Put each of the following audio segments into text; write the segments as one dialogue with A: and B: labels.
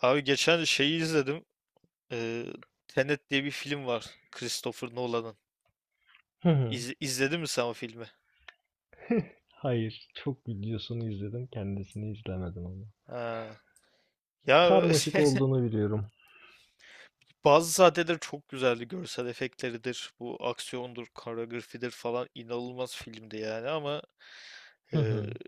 A: Abi geçen şeyi izledim. Ee, Tenet diye bir film var. Christopher Nolan'ın.
B: Hı hı.
A: İzle, izledin mi sen o filmi?
B: Hayır, çok videosunu izledim, kendisini izlemedim ama.
A: Ha. Ya
B: Karmaşık olduğunu biliyorum.
A: bazı sahneleri çok güzeldi. Görsel efektleridir. Bu aksiyondur, koreografidir falan. İnanılmaz filmdi yani, ama
B: Hı
A: e,
B: hı.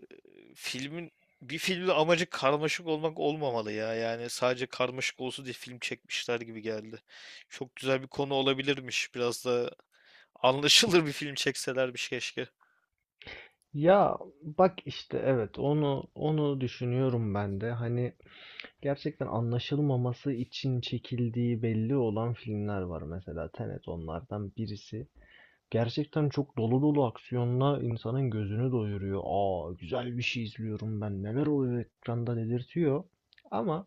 A: filmin bir filmin amacı karmaşık olmak olmamalı ya. Yani sadece karmaşık olsun diye film çekmişler gibi geldi. Çok güzel bir konu olabilirmiş. Biraz da anlaşılır bir film çekselermiş keşke.
B: Ya bak işte evet onu düşünüyorum ben de. Hani gerçekten anlaşılmaması için çekildiği belli olan filmler var, mesela Tenet onlardan birisi. Gerçekten çok dolu dolu aksiyonla insanın gözünü doyuruyor. Aa, güzel bir şey izliyorum ben. Neler oluyor ekranda dedirtiyor. Ama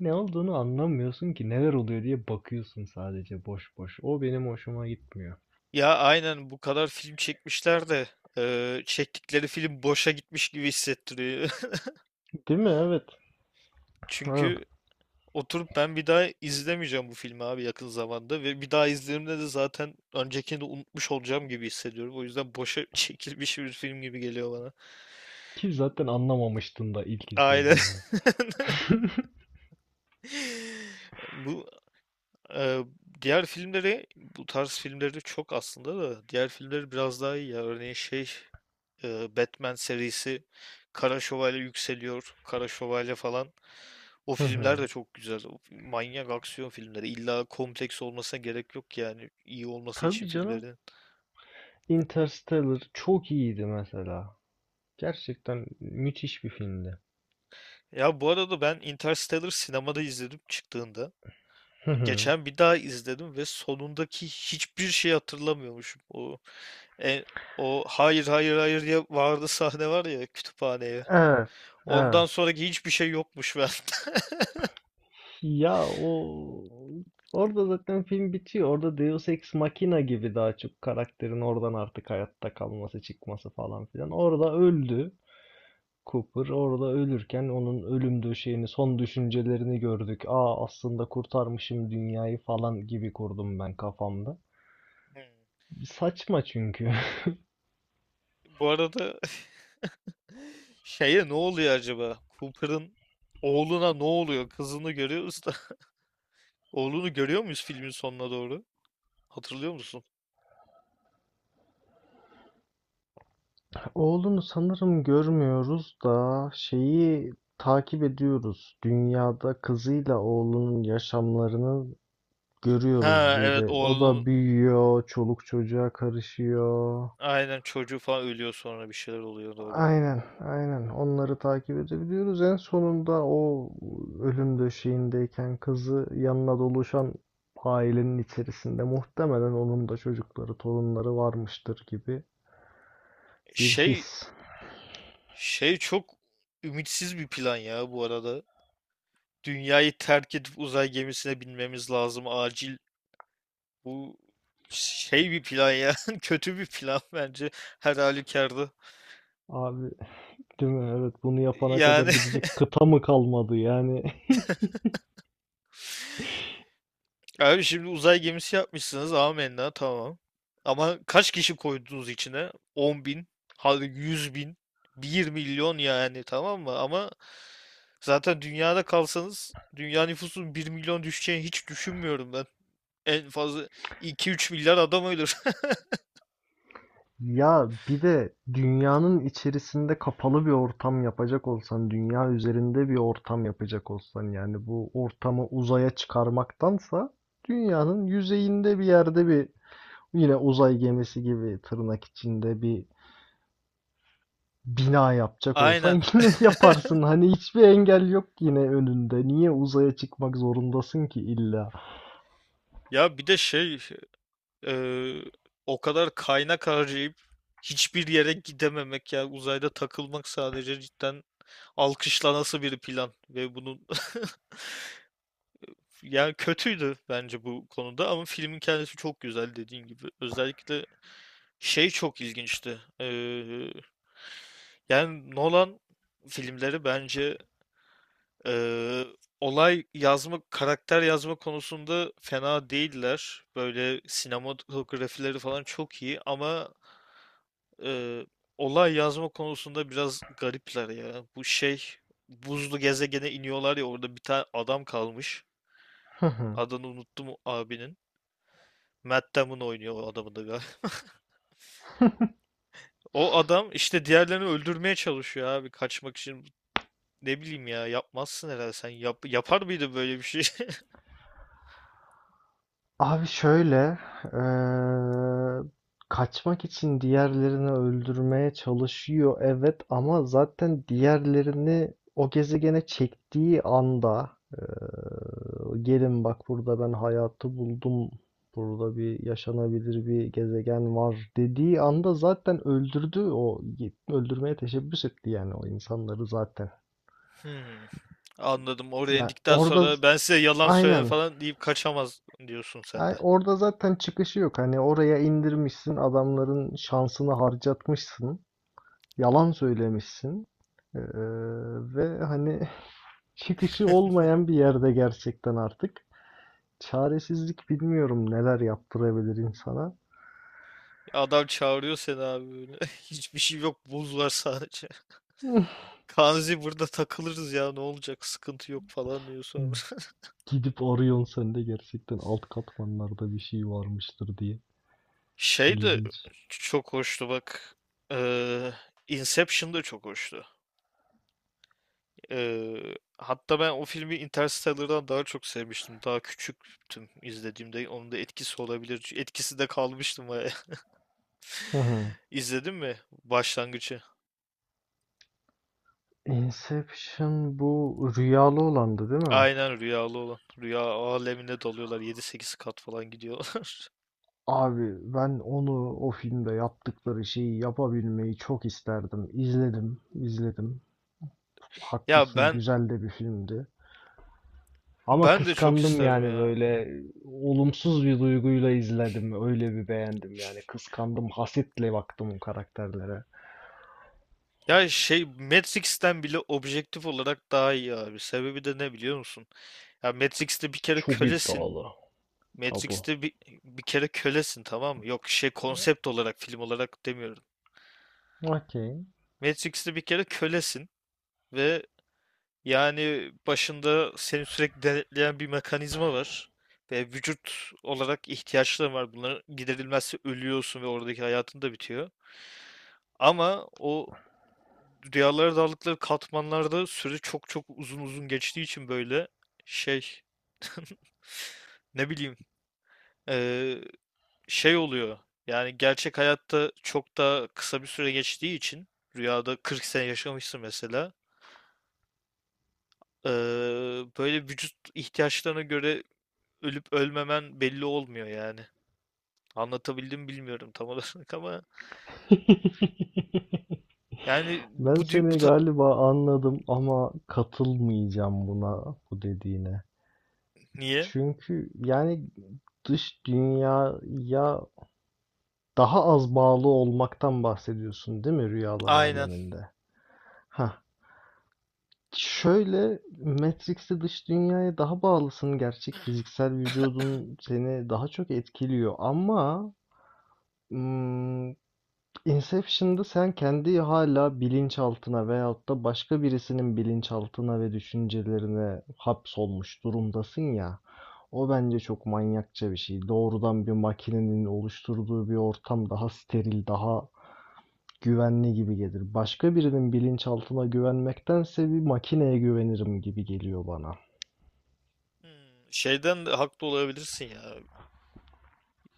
B: ne olduğunu anlamıyorsun ki, neler oluyor diye bakıyorsun sadece boş boş. O benim hoşuma gitmiyor.
A: Ya aynen, bu kadar film çekmişler de çektikleri film boşa gitmiş gibi hissettiriyor.
B: Değil mi? Evet. Ha.
A: Çünkü oturup ben bir daha izlemeyeceğim bu filmi abi yakın zamanda ve bir daha izlediğimde de zaten öncekini de unutmuş olacağım gibi hissediyorum. O yüzden boşa çekilmiş bir film gibi geliyor bana.
B: Ki zaten anlamamıştın da ilk
A: Aynen.
B: izlediğinde.
A: Bu eee, diğer filmleri, bu tarz filmleri çok, aslında da diğer filmleri biraz daha iyi ya. Örneğin Batman serisi, Kara Şövalye Yükseliyor, Kara Şövalye falan. O filmler de çok güzel. O manyak aksiyon filmleri. İlla kompleks olmasına gerek yok yani, iyi olması için
B: Tabii canım.
A: filmlerin.
B: Interstellar çok iyiydi mesela. Gerçekten müthiş bir filmdi.
A: Ya bu arada ben Interstellar sinemada izledim çıktığında.
B: Hı hı.
A: Geçen bir daha izledim ve sonundaki hiçbir şey hatırlamıyormuşum. E, o hayır hayır hayır diye vardı sahne var ya, kütüphaneye.
B: Evet, evet.
A: Ondan sonraki hiçbir şey yokmuş bende.
B: Ya o, orada zaten film bitiyor. Orada Deus Ex Machina gibi daha çok karakterin oradan artık hayatta kalması, çıkması falan filan. Orada öldü. Cooper orada ölürken onun ölüm döşeğini, son düşüncelerini gördük. Aa, aslında kurtarmışım dünyayı falan gibi kurdum ben kafamda.
A: Hmm.
B: Saçma çünkü.
A: Bu arada şeye ne oluyor acaba? Cooper'ın oğluna ne oluyor? Kızını görüyoruz da. Oğlunu görüyor muyuz filmin sonuna doğru? Hatırlıyor musun?
B: Oğlunu sanırım görmüyoruz da şeyi takip ediyoruz. Dünyada kızıyla oğlunun yaşamlarını görüyoruz
A: Ha, evet,
B: böyle. O
A: oğlunun
B: da büyüyor, çoluk çocuğa karışıyor.
A: aynen çocuğu falan ölüyor, sonra bir şeyler oluyor, doğru.
B: Aynen, aynen. Onları takip edebiliyoruz. En sonunda o ölüm döşeğindeyken kızı yanına doluşan ailenin içerisinde muhtemelen onun da çocukları, torunları varmıştır gibi bir
A: Şey
B: his.
A: çok ümitsiz bir plan ya bu arada. Dünyayı terk edip uzay gemisine binmemiz lazım acil. Bu şey bir plan ya. Kötü bir plan bence her halükarda.
B: Abi, değil mi? Evet, bunu yapana kadar
A: Yani
B: gidecek kıta mı kalmadı yani?
A: abi, şimdi uzay gemisi yapmışsınız, amenna, tamam. Ama kaç kişi koydunuz içine? 10 bin, hadi 100 bin, 1 milyon, yani, tamam mı? Ama zaten dünyada kalsanız, dünya nüfusunun 1 milyon düşeceğini hiç düşünmüyorum ben. En fazla iki üç milyar adam ölür.
B: Ya bir de dünyanın içerisinde kapalı bir ortam yapacak olsan, dünya üzerinde bir ortam yapacak olsan, yani bu ortamı uzaya çıkarmaktansa dünyanın yüzeyinde bir yerde bir, yine uzay gemisi gibi tırnak içinde bir bina yapacak olsan
A: Aynen.
B: yine yaparsın. Hani hiçbir engel yok yine önünde. Niye uzaya çıkmak zorundasın ki illa?
A: Ya bir de eee, o kadar kaynak harcayıp hiçbir yere gidememek, ya uzayda takılmak sadece, cidden alkışlanası bir plan. Ve bunun yani, kötüydü bence bu konuda, ama filmin kendisi çok güzel dediğin gibi, özellikle çok ilginçti, yani Nolan filmleri bence, Eee, olay yazma, karakter yazma konusunda fena değiller. Böyle sinematografileri falan çok iyi, ama eee, olay yazma konusunda biraz garipler ya. Bu şey buzlu gezegene iniyorlar ya, orada bir tane adam kalmış. Adını unuttum o abinin. Matt Damon oynuyor o adamı da galiba. O adam işte diğerlerini öldürmeye çalışıyor abi kaçmak için. Ne bileyim ya, yapmazsın herhalde sen. Yapar mıydı böyle bir şey?
B: Abi şöyle, eee, kaçmak için diğerlerini öldürmeye çalışıyor evet, ama zaten diğerlerini o gezegene çektiği anda, eee, gelin bak burada ben hayatı buldum, burada bir yaşanabilir bir gezegen var dediği anda zaten öldürdü, o öldürmeye teşebbüs etti yani o insanları zaten.
A: Hmm, anladım. Oraya
B: Yani
A: indikten
B: orada
A: sonra, ben size yalan söyleme
B: aynen.
A: falan deyip kaçamaz, diyorsun sen
B: Ay,
A: de.
B: orada zaten çıkışı yok. Hani oraya indirmişsin, adamların şansını harcatmışsın, yalan söylemişsin. Ee, ve hani çıkışı olmayan bir yerde gerçekten artık. Çaresizlik bilmiyorum neler yaptırabilir insana.
A: Adam çağırıyor seni abi böyle. Hiçbir şey yok. Buz var sadece. Kanzi, burada takılırız ya, ne olacak, sıkıntı yok falan diyor sonra.
B: Gidip arıyorsun sen de gerçekten alt katmanlarda bir şey varmıştır diye.
A: Şey de
B: İlginç.
A: çok hoştu bak. Ee, Inception da çok hoştu. Hatta ben o filmi Interstellar'dan daha çok sevmiştim. Daha küçüktüm izlediğimde. Onun da etkisi olabilir. Etkisi de kalmıştım.
B: Hı hı.
A: İzledin mi başlangıcı?
B: Inception bu rüyalı olandı değil mi?
A: Aynen, rüyalı olan. Rüya alemine dalıyorlar. 7-8 kat falan gidiyorlar.
B: Abi ben onu, o filmde yaptıkları şeyi yapabilmeyi çok isterdim. İzledim, izledim.
A: Ya
B: Haklısın,
A: ben
B: güzel de bir filmdi. Ama
A: ben de çok
B: kıskandım
A: isterdim
B: yani,
A: ya.
B: böyle olumsuz bir duyguyla izledim. Öyle bir beğendim yani. Kıskandım, hasetle baktım o karakterlere.
A: Ya Matrix'ten bile objektif olarak daha iyi abi. Sebebi de ne biliyor musun? Ya Matrix'te bir kere
B: Çok
A: kölesin.
B: iddialı. Abu.
A: Matrix'te bir kere kölesin, tamam mı? Yok, konsept olarak, film olarak demiyorum.
B: Okey.
A: Matrix'te bir kere kölesin ve yani başında seni sürekli denetleyen bir mekanizma var ve vücut olarak ihtiyaçların var. Bunların giderilmezse ölüyorsun ve oradaki hayatın da bitiyor. Ama o rüyalara daldıkları katmanlarda süre çok çok uzun uzun geçtiği için, böyle şey ne bileyim, eee, şey oluyor. Yani gerçek hayatta çok daha kısa bir süre geçtiği için, rüyada 40 sene yaşamışsın mesela. eee, böyle vücut ihtiyaçlarına göre ölüp ölmemen belli olmuyor yani. Anlatabildim mi bilmiyorum tam olarak, ama yani bu
B: Ben
A: dü- bu
B: seni
A: ta-
B: galiba anladım ama katılmayacağım buna, bu dediğine.
A: niye?
B: Çünkü yani dış dünyaya daha az bağlı olmaktan bahsediyorsun değil mi, rüyalar
A: Aynen.
B: aleminde? Ha. Şöyle, Matrix'te dış dünyaya daha bağlısın. Gerçek fiziksel vücudun seni daha çok etkiliyor ama, hmm, Inception'da sen kendi hala bilinçaltına veyahut da başka birisinin bilinçaltına ve düşüncelerine hapsolmuş durumdasın ya. O bence çok manyakça bir şey. Doğrudan bir makinenin oluşturduğu bir ortam daha steril, daha güvenli gibi gelir. Başka birinin bilinçaltına güvenmektense bir makineye güvenirim gibi geliyor bana.
A: Hmm, şeyden de haklı olabilirsin ya.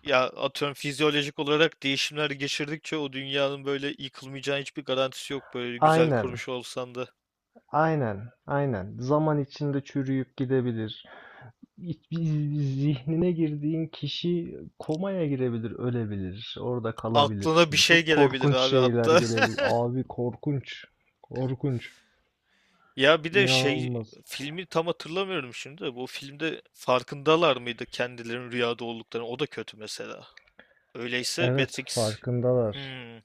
A: Ya atıyorum, fizyolojik olarak değişimler geçirdikçe, o dünyanın böyle yıkılmayacağı hiçbir garantisi yok, böyle güzel
B: Aynen,
A: kurmuş olsan da.
B: aynen, aynen. Zaman içinde çürüyüp gidebilir. Zihnine girdiğin kişi komaya girebilir, ölebilir. Orada
A: Aklına bir
B: kalabilirsin.
A: şey
B: Çok
A: gelebilir
B: korkunç
A: abi
B: şeyler
A: hatta.
B: gelebilir. Abi korkunç. Korkunç.
A: Ya bir de şey,
B: İnanılmaz.
A: filmi tam hatırlamıyorum şimdi de, bu filmde farkındalar mıydı kendilerinin rüyada olduklarını? O da kötü mesela. Öyleyse
B: Evet,
A: Matrix,
B: farkındalar.
A: hmm,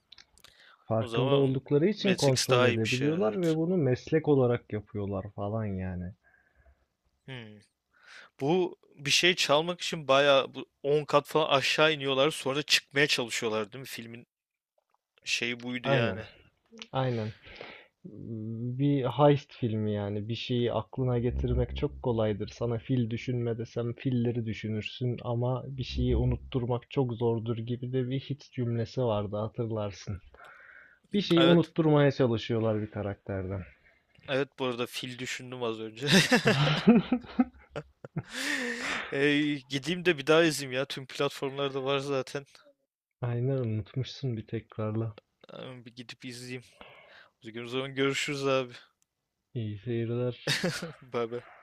A: o
B: Farkında
A: zaman
B: oldukları için
A: Matrix
B: kontrol
A: daha iyiymiş ya,
B: edebiliyorlar ve
A: evet.
B: bunu meslek olarak yapıyorlar falan yani.
A: Hmm. Bu bir şey çalmak için bayağı bu 10 kat falan aşağı iniyorlar, sonra da çıkmaya çalışıyorlar değil mi? Filmin şeyi buydu yani.
B: Aynen, aynen. Bir heist filmi yani. Bir şeyi aklına getirmek çok kolaydır. Sana fil düşünme desem filleri düşünürsün, ama bir şeyi unutturmak çok zordur gibi de bir hit cümlesi vardı, hatırlarsın. Bir şeyi
A: Evet,
B: unutturmaya çalışıyorlar bir karakterden.
A: evet, bu arada fil düşündüm az önce. Ee, gideyim de bir daha izleyeyim ya. Tüm platformlarda var zaten.
B: Aynen, unutmuşsun bir tekrarla.
A: Bir gidip izleyeyim. O zaman görüşürüz abi.
B: İyi seyirler.
A: Bay bay.